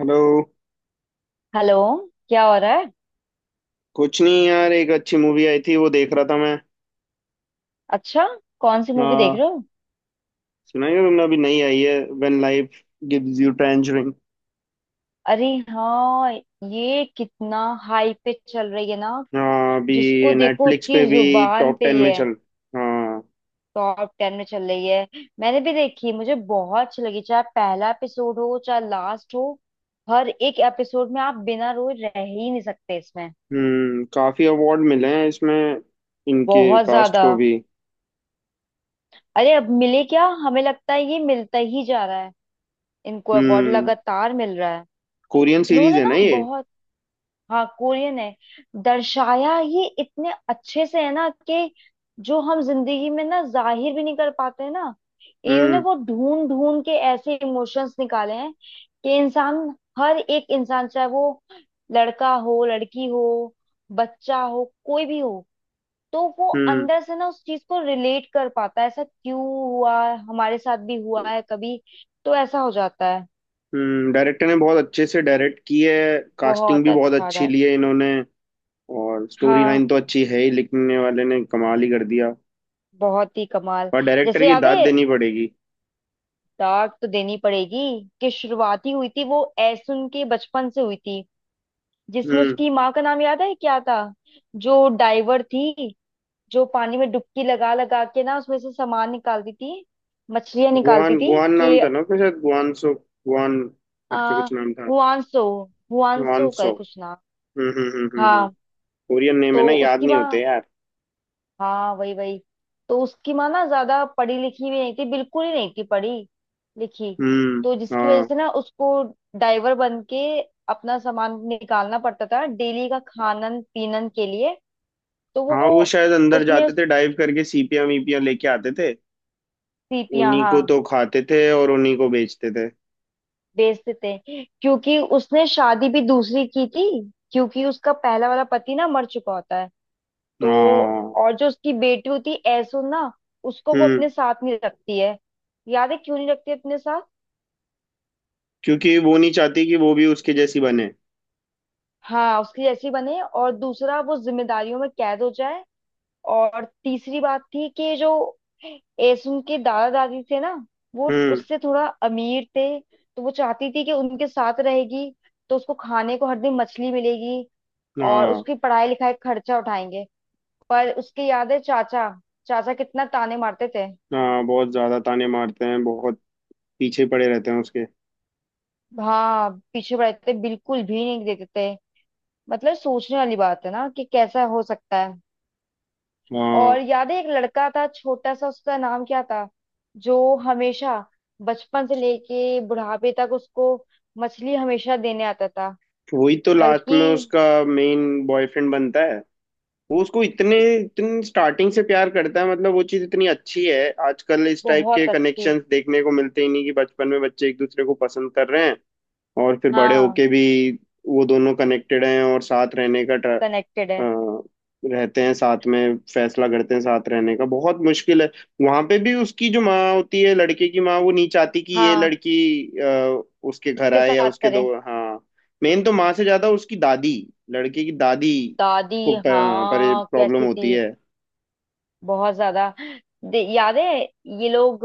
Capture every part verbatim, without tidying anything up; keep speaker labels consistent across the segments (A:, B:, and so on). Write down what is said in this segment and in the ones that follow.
A: Hello.
B: Hello. क्या हो रहा है?
A: कुछ नहीं यार, एक अच्छी मूवी आई थी वो देख रहा था मैं।
B: अच्छा, कौन सी मूवी देख
A: हाँ,
B: रहे हो?
A: सुना है तुमने? अभी नई आई है when life gives you tangerine.
B: अरे हाँ, ये कितना हाई पे चल रही है ना।
A: हाँ
B: जिसको
A: अभी।
B: देखो
A: नेटफ्लिक्स पे
B: उसकी
A: भी
B: जुबान
A: टॉप
B: पे
A: टेन में
B: ये है।
A: चल। हाँ।
B: टॉप टेन में चल रही है। मैंने भी देखी, मुझे बहुत अच्छी लगी, चाहे पहला एपिसोड हो चाहे लास्ट हो। हर एक एपिसोड में आप बिना रोए रह ही नहीं सकते इसमें।
A: हम्म, काफी अवार्ड मिले हैं इसमें, इनके
B: बहुत
A: कास्ट
B: ज्यादा।
A: को भी।
B: अरे अब मिले क्या, हमें लगता है ये मिलता ही जा रहा है। इनको अवार्ड
A: हम्म,
B: लगातार मिल रहा है।
A: कोरियन सीरीज
B: इन्होंने
A: है
B: ना
A: ना ये?
B: बहुत। हाँ, कोरियन है। दर्शाया ये इतने अच्छे से है ना कि जो हम जिंदगी में ना जाहिर भी नहीं कर पाते हैं ना, इन्होंने
A: हम्म
B: वो ढूंढ ढूंढ के ऐसे इमोशंस निकाले हैं कि इंसान, हर एक इंसान, चाहे वो लड़का हो, लड़की हो, बच्चा हो, कोई भी हो, तो वो
A: हम्म
B: अंदर से ना उस चीज को रिलेट कर पाता है ऐसा क्यों हुआ, हमारे साथ भी हुआ है कभी। तो ऐसा हो जाता है।
A: हम्म। डायरेक्टर ने बहुत अच्छे से डायरेक्ट की है, कास्टिंग
B: बहुत
A: भी बहुत
B: अच्छा रहा
A: अच्छी
B: है।
A: ली है इन्होंने। और स्टोरी
B: हाँ,
A: लाइन तो अच्छी है ही, लिखने वाले ने कमाल ही कर दिया।
B: बहुत ही कमाल।
A: और डायरेक्टर
B: जैसे
A: की
B: याद है,
A: दाद देनी पड़ेगी।
B: दाग तो देनी पड़ेगी कि शुरुआती हुई थी वो ऐसुन उनके बचपन से हुई थी। जिसमें
A: हम्म।
B: उसकी माँ का नाम याद है क्या था? जो डाइवर थी, जो पानी में डुबकी लगा लगा के ना उसमें से सामान निकालती थी, मछलियां
A: गुआन
B: निकालती थी
A: गुआन नाम
B: कि
A: था ना उसका, शायद गुआनसो। गुआन
B: आ
A: करके कुछ नाम था।
B: हुआंसो, हुआंसो
A: गुआनसो।
B: का कुछ
A: हम्म
B: नाम।
A: हम्म हम्म हम्म हम्म।
B: हाँ,
A: कोरियन नेम है ना,
B: तो
A: याद
B: उसकी
A: नहीं होते
B: माँ।
A: यार।
B: हाँ, वही वही। तो उसकी माँ ना ज्यादा पढ़ी लिखी भी नहीं थी, बिल्कुल ही नहीं थी पढ़ी लिखी।
A: हम्म।
B: तो जिसकी वजह
A: हाँ।
B: से ना उसको ड्राइवर बन के अपना सामान निकालना पड़ता था डेली का खानन पीनन के लिए। तो
A: हाँ वो
B: वो
A: शायद अंदर
B: उसने
A: जाते
B: उस
A: थे, डाइव करके सीपियां वीपियां लेके आते थे।
B: सीपियां
A: उन्हीं
B: हाँ
A: को तो खाते थे और उन्हीं को बेचते थे।
B: बेचते थे क्योंकि उसने शादी भी दूसरी की थी, क्योंकि उसका पहला वाला पति ना मर चुका होता है। तो,
A: हाँ।
B: और जो उसकी बेटी होती है ऐसो ना, उसको वो
A: हम्म।
B: अपने साथ नहीं रखती है। याद है क्यों नहीं रखती अपने साथ?
A: क्योंकि वो नहीं चाहती कि वो भी उसके जैसी बने।
B: हाँ, उसकी जैसी बने, और दूसरा वो जिम्मेदारियों में कैद हो जाए। और तीसरी बात थी कि जो एसुन के दादा दादी थे ना, वो
A: हम्म।
B: उससे थोड़ा अमीर थे, तो वो चाहती थी कि उनके साथ रहेगी तो उसको खाने को हर दिन मछली मिलेगी और
A: हाँ।
B: उसकी पढ़ाई लिखाई का खर्चा उठाएंगे। पर उसके याद है चाचा, चाचा कितना ताने मारते थे।
A: हाँ बहुत ज्यादा ताने मारते हैं, बहुत पीछे पड़े रहते हैं उसके।
B: हाँ, पीछे पड़े थे, बिल्कुल भी नहीं देते थे। मतलब सोचने वाली बात है ना कि कैसा हो सकता है। और
A: हाँ।
B: याद है एक लड़का था छोटा सा, उसका नाम क्या था, जो हमेशा बचपन से लेके बुढ़ापे तक उसको मछली हमेशा देने आता था।
A: वही तो लास्ट
B: बल्कि
A: में उसका मेन बॉयफ्रेंड बनता है। वो उसको इतने इतने स्टार्टिंग से प्यार करता है, मतलब वो चीज इतनी अच्छी है। आजकल इस टाइप के
B: बहुत अच्छी।
A: कनेक्शंस देखने को मिलते ही नहीं कि बचपन में बच्चे एक दूसरे को पसंद कर रहे हैं। और फिर बड़े
B: हाँ,
A: होके भी वो दोनों कनेक्टेड हैं और साथ रहने का ट्र-
B: कनेक्टेड
A: अ,
B: है।
A: रहते हैं साथ में, फैसला करते हैं साथ रहने का, बहुत मुश्किल है। वहां पे भी उसकी जो माँ होती है, लड़के की माँ वो नहीं चाहती कि ये
B: हाँ,
A: लड़की अ, उसके घर
B: इसके
A: आए या
B: साथ
A: उसके। दो
B: करें।
A: हाँ। मेन तो माँ से ज्यादा उसकी दादी, लड़के की दादी
B: दादी,
A: को पर, पर
B: हाँ,
A: प्रॉब्लम
B: कैसी
A: होती
B: थी?
A: है।
B: बहुत ज्यादा। दे- याद है, ये लोग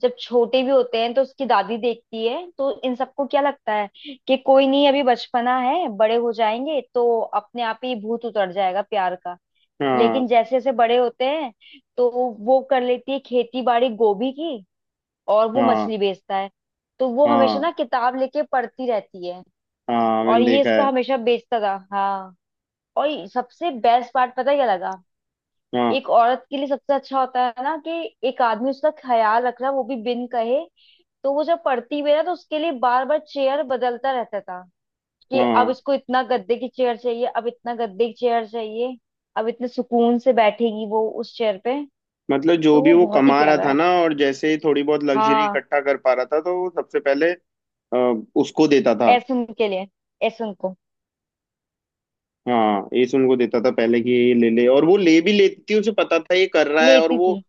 B: जब छोटे भी होते हैं तो उसकी दादी देखती है तो इन सबको क्या लगता है कि कोई नहीं, अभी बचपना है, बड़े हो जाएंगे तो अपने आप ही भूत उतर जाएगा प्यार का।
A: हाँ
B: लेकिन जैसे जैसे बड़े होते हैं तो वो कर लेती है खेती बाड़ी गोभी की, और वो
A: हाँ
B: मछली बेचता है। तो वो हमेशा
A: हाँ
B: ना किताब लेके पढ़ती रहती है।
A: हाँ।
B: और
A: मैंने
B: ये
A: देखा है।
B: इसका हमेशा बेचता था, हाँ। और सबसे बेस्ट पार्ट पता है क्या लगा?
A: हाँ
B: एक औरत के लिए सबसे अच्छा होता है ना कि एक आदमी उसका ख्याल रख रहा है, वो भी बिन कहे। तो वो जब पढ़ती भी है ना, तो उसके लिए बार बार चेयर बदलता रहता था कि अब
A: हाँ।
B: इसको इतना गद्दे की चेयर चाहिए, अब इतना गद्दे की चेयर चाहिए, अब इतने सुकून से बैठेगी वो उस चेयर पे।
A: मतलब जो
B: तो
A: भी
B: वो
A: वो
B: बहुत ही
A: कमा रहा
B: प्यारा
A: था
B: है।
A: ना, और जैसे ही थोड़ी बहुत लग्जरी
B: हाँ,
A: इकट्ठा कर पा रहा था तो वो सबसे पहले अ, उसको देता था।
B: ऐसुन के लिए, ऐसुन को।
A: हाँ एस उनको देता था पहले कि ये ले ले, और वो ले भी लेती थी, उसे पता था ये कर रहा है। और
B: लेती
A: वो
B: थी।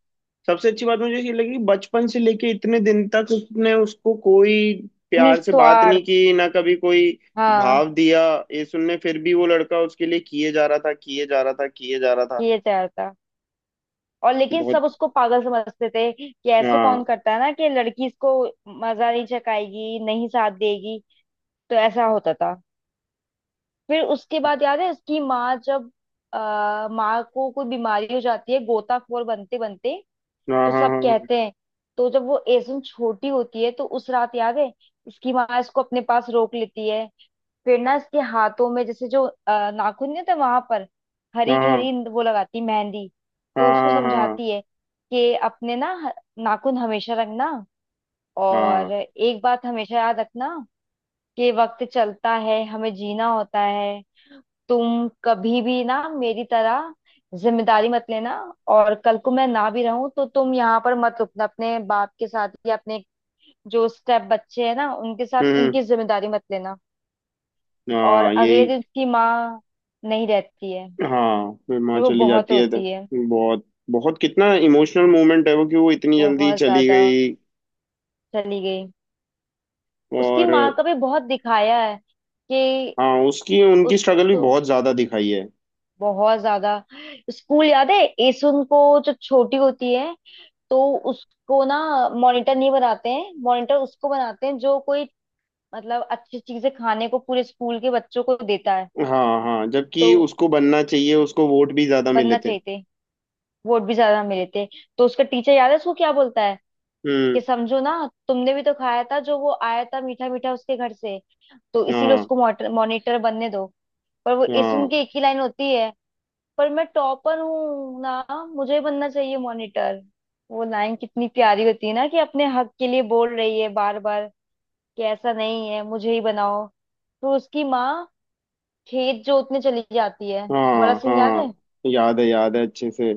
A: सबसे अच्छी बात मुझे ये लगी, बचपन से लेके इतने दिन तक उसने उसको कोई प्यार से बात नहीं
B: निस्वार्थ,
A: की ना, कभी कोई
B: हाँ।
A: भाव दिया। ये सुनने फिर भी वो लड़का उसके लिए किए जा रहा था, किए जा रहा था, किए जा रहा था।
B: ये चाहता, और लेकिन सब
A: बहुत।
B: उसको पागल समझते थे कि ऐसे कौन
A: हाँ
B: करता है ना, कि लड़की इसको मजा नहीं चखाएगी, नहीं साथ देगी। तो ऐसा होता था। फिर उसके बाद याद है, उसकी माँ जब, आ, माँ को कोई बीमारी हो जाती है गोताखोर बनते बनते।
A: हाँ
B: तो
A: हाँ
B: सब
A: हाँ
B: कहते हैं, तो जब वो एसुन छोटी होती है, तो उस रात याद है, इसकी माँ इसको अपने पास रोक लेती है। फिर ना इसके हाथों में, जैसे जो अ, नाखून नहीं होते वहां पर, हरी
A: हाँ हाँ
B: हरी वो लगाती मेहंदी। तो उसको
A: हाँ हाँ हाँ
B: समझाती है कि अपने ना ह- नाखून हमेशा रखना।
A: हाँ
B: और
A: हाँ।
B: एक बात हमेशा याद रखना, कि वक्त चलता है, हमें जीना होता है। तुम कभी भी ना मेरी तरह जिम्मेदारी मत लेना। और कल को मैं ना भी रहूं तो तुम यहाँ पर मत रुकना अपने बाप के साथ, या अपने जो स्टेप बच्चे हैं ना उनके साथ,
A: हम्म।
B: उनकी जिम्मेदारी मत लेना। और
A: हाँ,
B: अगले
A: यही।
B: दिन उसकी माँ नहीं रहती है।
A: हाँ फिर माँ
B: फिर वो
A: चली
B: बहुत
A: जाती है तो
B: रोती है।
A: बहुत, बहुत कितना इमोशनल मोमेंट है वो, कि वो इतनी जल्दी
B: बहुत
A: चली
B: ज्यादा
A: गई।
B: चली गई। उसकी माँ
A: और
B: का भी बहुत दिखाया है कि
A: हाँ उसकी उनकी
B: उस,
A: स्ट्रगल भी
B: तो
A: बहुत ज्यादा दिखाई है।
B: बहुत ज्यादा। स्कूल याद है, एसुन को जो छोटी होती है, तो उसको ना मॉनिटर नहीं बनाते हैं। मॉनिटर उसको बनाते हैं जो कोई, मतलब अच्छी चीजें खाने को पूरे स्कूल के बच्चों को देता है।
A: हाँ हाँ
B: तो
A: जबकि उसको बनना चाहिए, उसको वोट भी ज्यादा मिले
B: बनना
A: थे।
B: चाहिए थे, वोट भी ज्यादा मिले थे। तो उसका टीचर याद है उसको क्या बोलता है कि
A: हम्म।
B: समझो ना, तुमने भी तो खाया था जो वो आया था मीठा मीठा उसके घर से, तो इसीलिए
A: हाँ
B: उसको मॉनिटर बनने दो। पर वो इस
A: हाँ
B: उनकी एक ही लाइन होती है, पर मैं टॉपर हूँ ना, मुझे बनना चाहिए मॉनिटर। वो लाइन कितनी प्यारी होती है ना कि अपने हक के लिए बोल रही है बार बार कि ऐसा नहीं है, मुझे ही बनाओ। तो उसकी माँ खेत जोतने चली जाती है वाला
A: हाँ
B: सीन याद है।
A: हाँ याद है, याद है अच्छे से।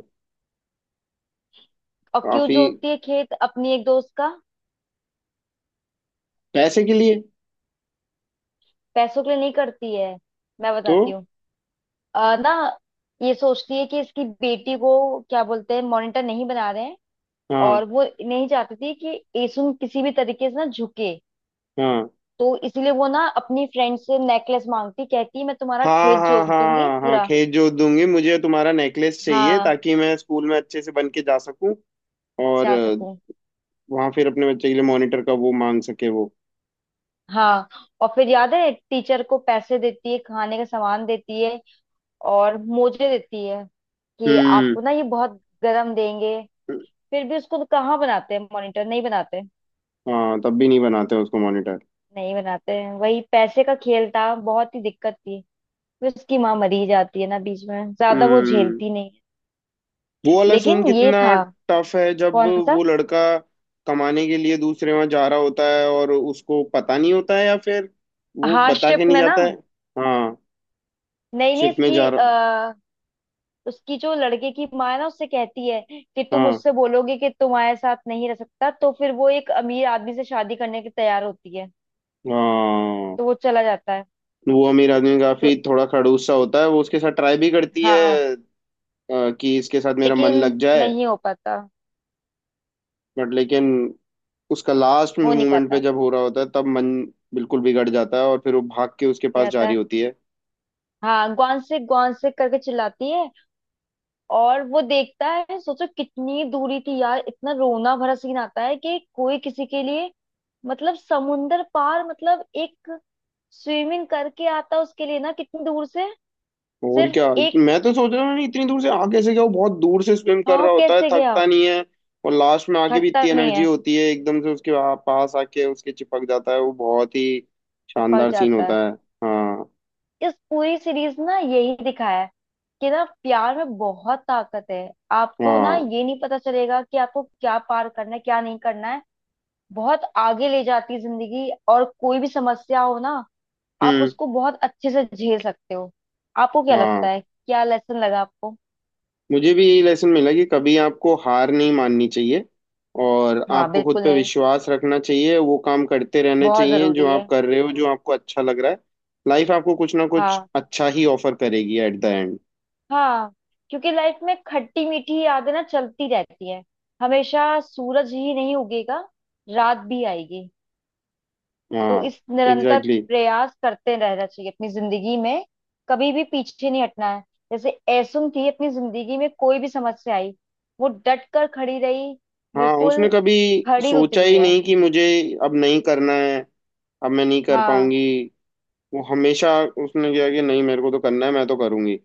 B: और क्यों
A: काफी।
B: जोतती है खेत अपनी एक दोस्त का?
A: पैसे के लिए।
B: पैसों के लिए नहीं करती है, मैं
A: तो
B: बताती हूँ। अ, ना ये सोचती है कि इसकी बेटी को क्या बोलते हैं, मॉनिटर नहीं बना रहे हैं।
A: हाँ
B: और वो नहीं चाहती थी कि एसुन किसी भी तरीके से ना झुके।
A: हाँ
B: तो इसीलिए वो ना अपनी फ्रेंड से नेकलेस मांगती, कहती मैं तुम्हारा
A: हाँ
B: खेत
A: हाँ
B: जोत दूंगी
A: हाँ हाँ
B: पूरा।
A: खेत जोत दूंगी, मुझे तुम्हारा नेकलेस चाहिए
B: हाँ,
A: ताकि मैं स्कूल में अच्छे से बन के जा सकूं। और
B: जा सकूं।
A: वहां फिर अपने बच्चे के लिए मॉनिटर का वो मांग सके वो।
B: हाँ, और फिर याद है टीचर को पैसे देती है, खाने का सामान देती है, और मोजे देती है, कि
A: हम्म।
B: आपको ना ये बहुत गरम देंगे। फिर भी उसको तो कहाँ बनाते हैं, मॉनिटर नहीं बनाते।
A: हाँ तब भी नहीं बनाते उसको मॉनिटर।
B: नहीं बनाते हैं, वही पैसे का खेल था, बहुत ही दिक्कत थी। फिर उसकी माँ मरी जाती है ना, बीच में ज्यादा वो
A: हम्म।
B: झेलती नहीं
A: वो
B: है।
A: वाला सीन
B: लेकिन ये
A: कितना
B: था।
A: टफ है, जब
B: कौन सा?
A: वो लड़का कमाने के लिए दूसरे वहां जा रहा होता है और उसको पता नहीं होता है, या फिर वो बता के
B: हार्डशिप
A: नहीं
B: में ना।
A: जाता है। हाँ
B: नहीं नहीं,
A: शिप में
B: इसकी
A: जा रहा।
B: आ, उसकी जो लड़के की माँ है ना, उससे कहती है कि तुम
A: हाँ।
B: उससे बोलोगे कि तुम्हारे साथ नहीं रह सकता, तो फिर वो एक अमीर आदमी से शादी करने के तैयार होती है।
A: हाँ
B: तो वो चला जाता है।
A: वो अमीर आदमी
B: तो
A: काफी थोड़ा खड़ूस सा होता है, वो उसके साथ ट्राई भी करती है
B: हाँ,
A: अ, कि इसके साथ मेरा मन
B: लेकिन
A: लग जाए।
B: नहीं हो पाता।
A: बट लेकिन उसका लास्ट
B: हो नहीं
A: मोमेंट पे
B: पाता।
A: जब हो रहा होता है तब मन बिल्कुल बिगड़ जाता है, और फिर वो भाग के उसके पास जा
B: कहता
A: रही
B: है,
A: होती है।
B: हाँ, ग्वान से ग्वान से करके चिल्लाती है। और वो देखता है, सोचो कितनी दूरी थी यार, इतना रोना भरा सीन आता है कि कोई किसी के लिए, मतलब समुंदर पार, मतलब एक स्विमिंग करके आता उसके लिए ना, कितनी दूर से,
A: और
B: सिर्फ
A: क्या,
B: एक
A: मैं तो सोच रहा हूँ, नहीं, इतनी दूर से आगे से क्या, वो बहुत दूर से स्विम कर
B: भाव
A: रहा होता है,
B: कैसे गया।
A: थकता नहीं है? और लास्ट में आके भी
B: थकता
A: इतनी
B: नहीं
A: एनर्जी
B: है,
A: होती है, एकदम से उसके वहाँ पास आके उसके चिपक जाता है, वो बहुत ही
B: चिपक
A: शानदार सीन
B: जाता है।
A: होता है। हाँ
B: इस पूरी सीरीज ना यही दिखाया है कि ना प्यार में बहुत ताकत है। आपको ना
A: हाँ।
B: ये नहीं पता चलेगा कि आपको क्या पार करना है, क्या नहीं करना है। बहुत आगे ले जाती है जिंदगी, और कोई भी समस्या हो ना, आप
A: हम्म।
B: उसको बहुत अच्छे से झेल सकते हो। आपको क्या लगता
A: हाँ
B: है, क्या लेसन लगा आपको?
A: मुझे भी यही लेसन मिला कि कभी आपको हार नहीं माननी चाहिए, और
B: हाँ,
A: आपको खुद
B: बिल्कुल
A: पे
B: नहीं।
A: विश्वास रखना चाहिए, वो काम करते रहने
B: बहुत
A: चाहिए जो
B: जरूरी
A: आप
B: है।
A: कर रहे हो, जो आपको अच्छा लग रहा है। लाइफ आपको कुछ ना कुछ
B: हाँ,
A: अच्छा ही ऑफर करेगी एट द एंड।
B: हाँ। क्योंकि लाइफ में खट्टी मीठी यादें ना चलती रहती हैं। हमेशा सूरज ही नहीं उगेगा, रात भी आएगी। तो
A: हाँ,
B: इस निरंतर
A: एग्जैक्टली exactly।
B: प्रयास करते रहना चाहिए अपनी जिंदगी में, कभी भी पीछे नहीं हटना है। जैसे ऐसुम थी अपनी जिंदगी में, कोई भी समस्या आई, वो डट कर खड़ी रही।
A: हाँ उसने
B: बिल्कुल
A: कभी
B: खड़ी
A: सोचा
B: उतरी
A: ही
B: है।
A: नहीं कि मुझे अब नहीं करना है, अब मैं नहीं कर
B: हाँ,
A: पाऊंगी। वो हमेशा उसने किया कि नहीं, मेरे को तो करना है, मैं तो करूंगी।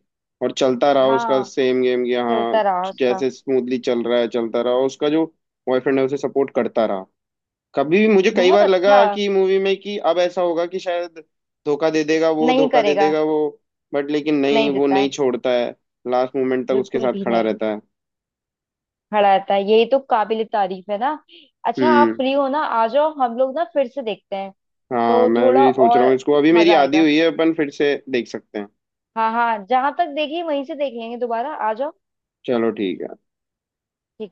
A: और चलता रहा उसका
B: हाँ।
A: सेम गेम कि हाँ
B: चलता रहा उसका।
A: जैसे स्मूथली चल रहा है, चलता रहा उसका, जो बॉयफ्रेंड है उसे सपोर्ट करता रहा। कभी भी मुझे कई
B: बहुत
A: बार
B: अच्छा।
A: लगा कि मूवी में कि अब ऐसा होगा कि शायद धोखा दे देगा वो,
B: नहीं
A: धोखा दे
B: करेगा,
A: देगा वो, बट लेकिन
B: नहीं
A: नहीं, वो
B: देता
A: नहीं
B: है।
A: छोड़ता है, लास्ट मोमेंट तक उसके
B: बिल्कुल
A: साथ
B: भी
A: खड़ा
B: नहीं।
A: रहता है।
B: खड़ा रहता है, यही तो काबिल तारीफ है ना। अच्छा, आप
A: हम्म।
B: फ्री हो ना, आ जाओ, हम लोग ना फिर से देखते हैं।
A: हाँ
B: तो
A: मैं
B: थोड़ा
A: भी सोच रहा हूँ
B: और
A: इसको, अभी मेरी
B: मजा
A: आदी
B: आएगा।
A: हुई है, अपन फिर से देख सकते हैं।
B: हाँ हाँ, जहां तक देखी वहीं से देख लेंगे, दोबारा आ जाओ।
A: चलो ठीक है।
B: ठीक है।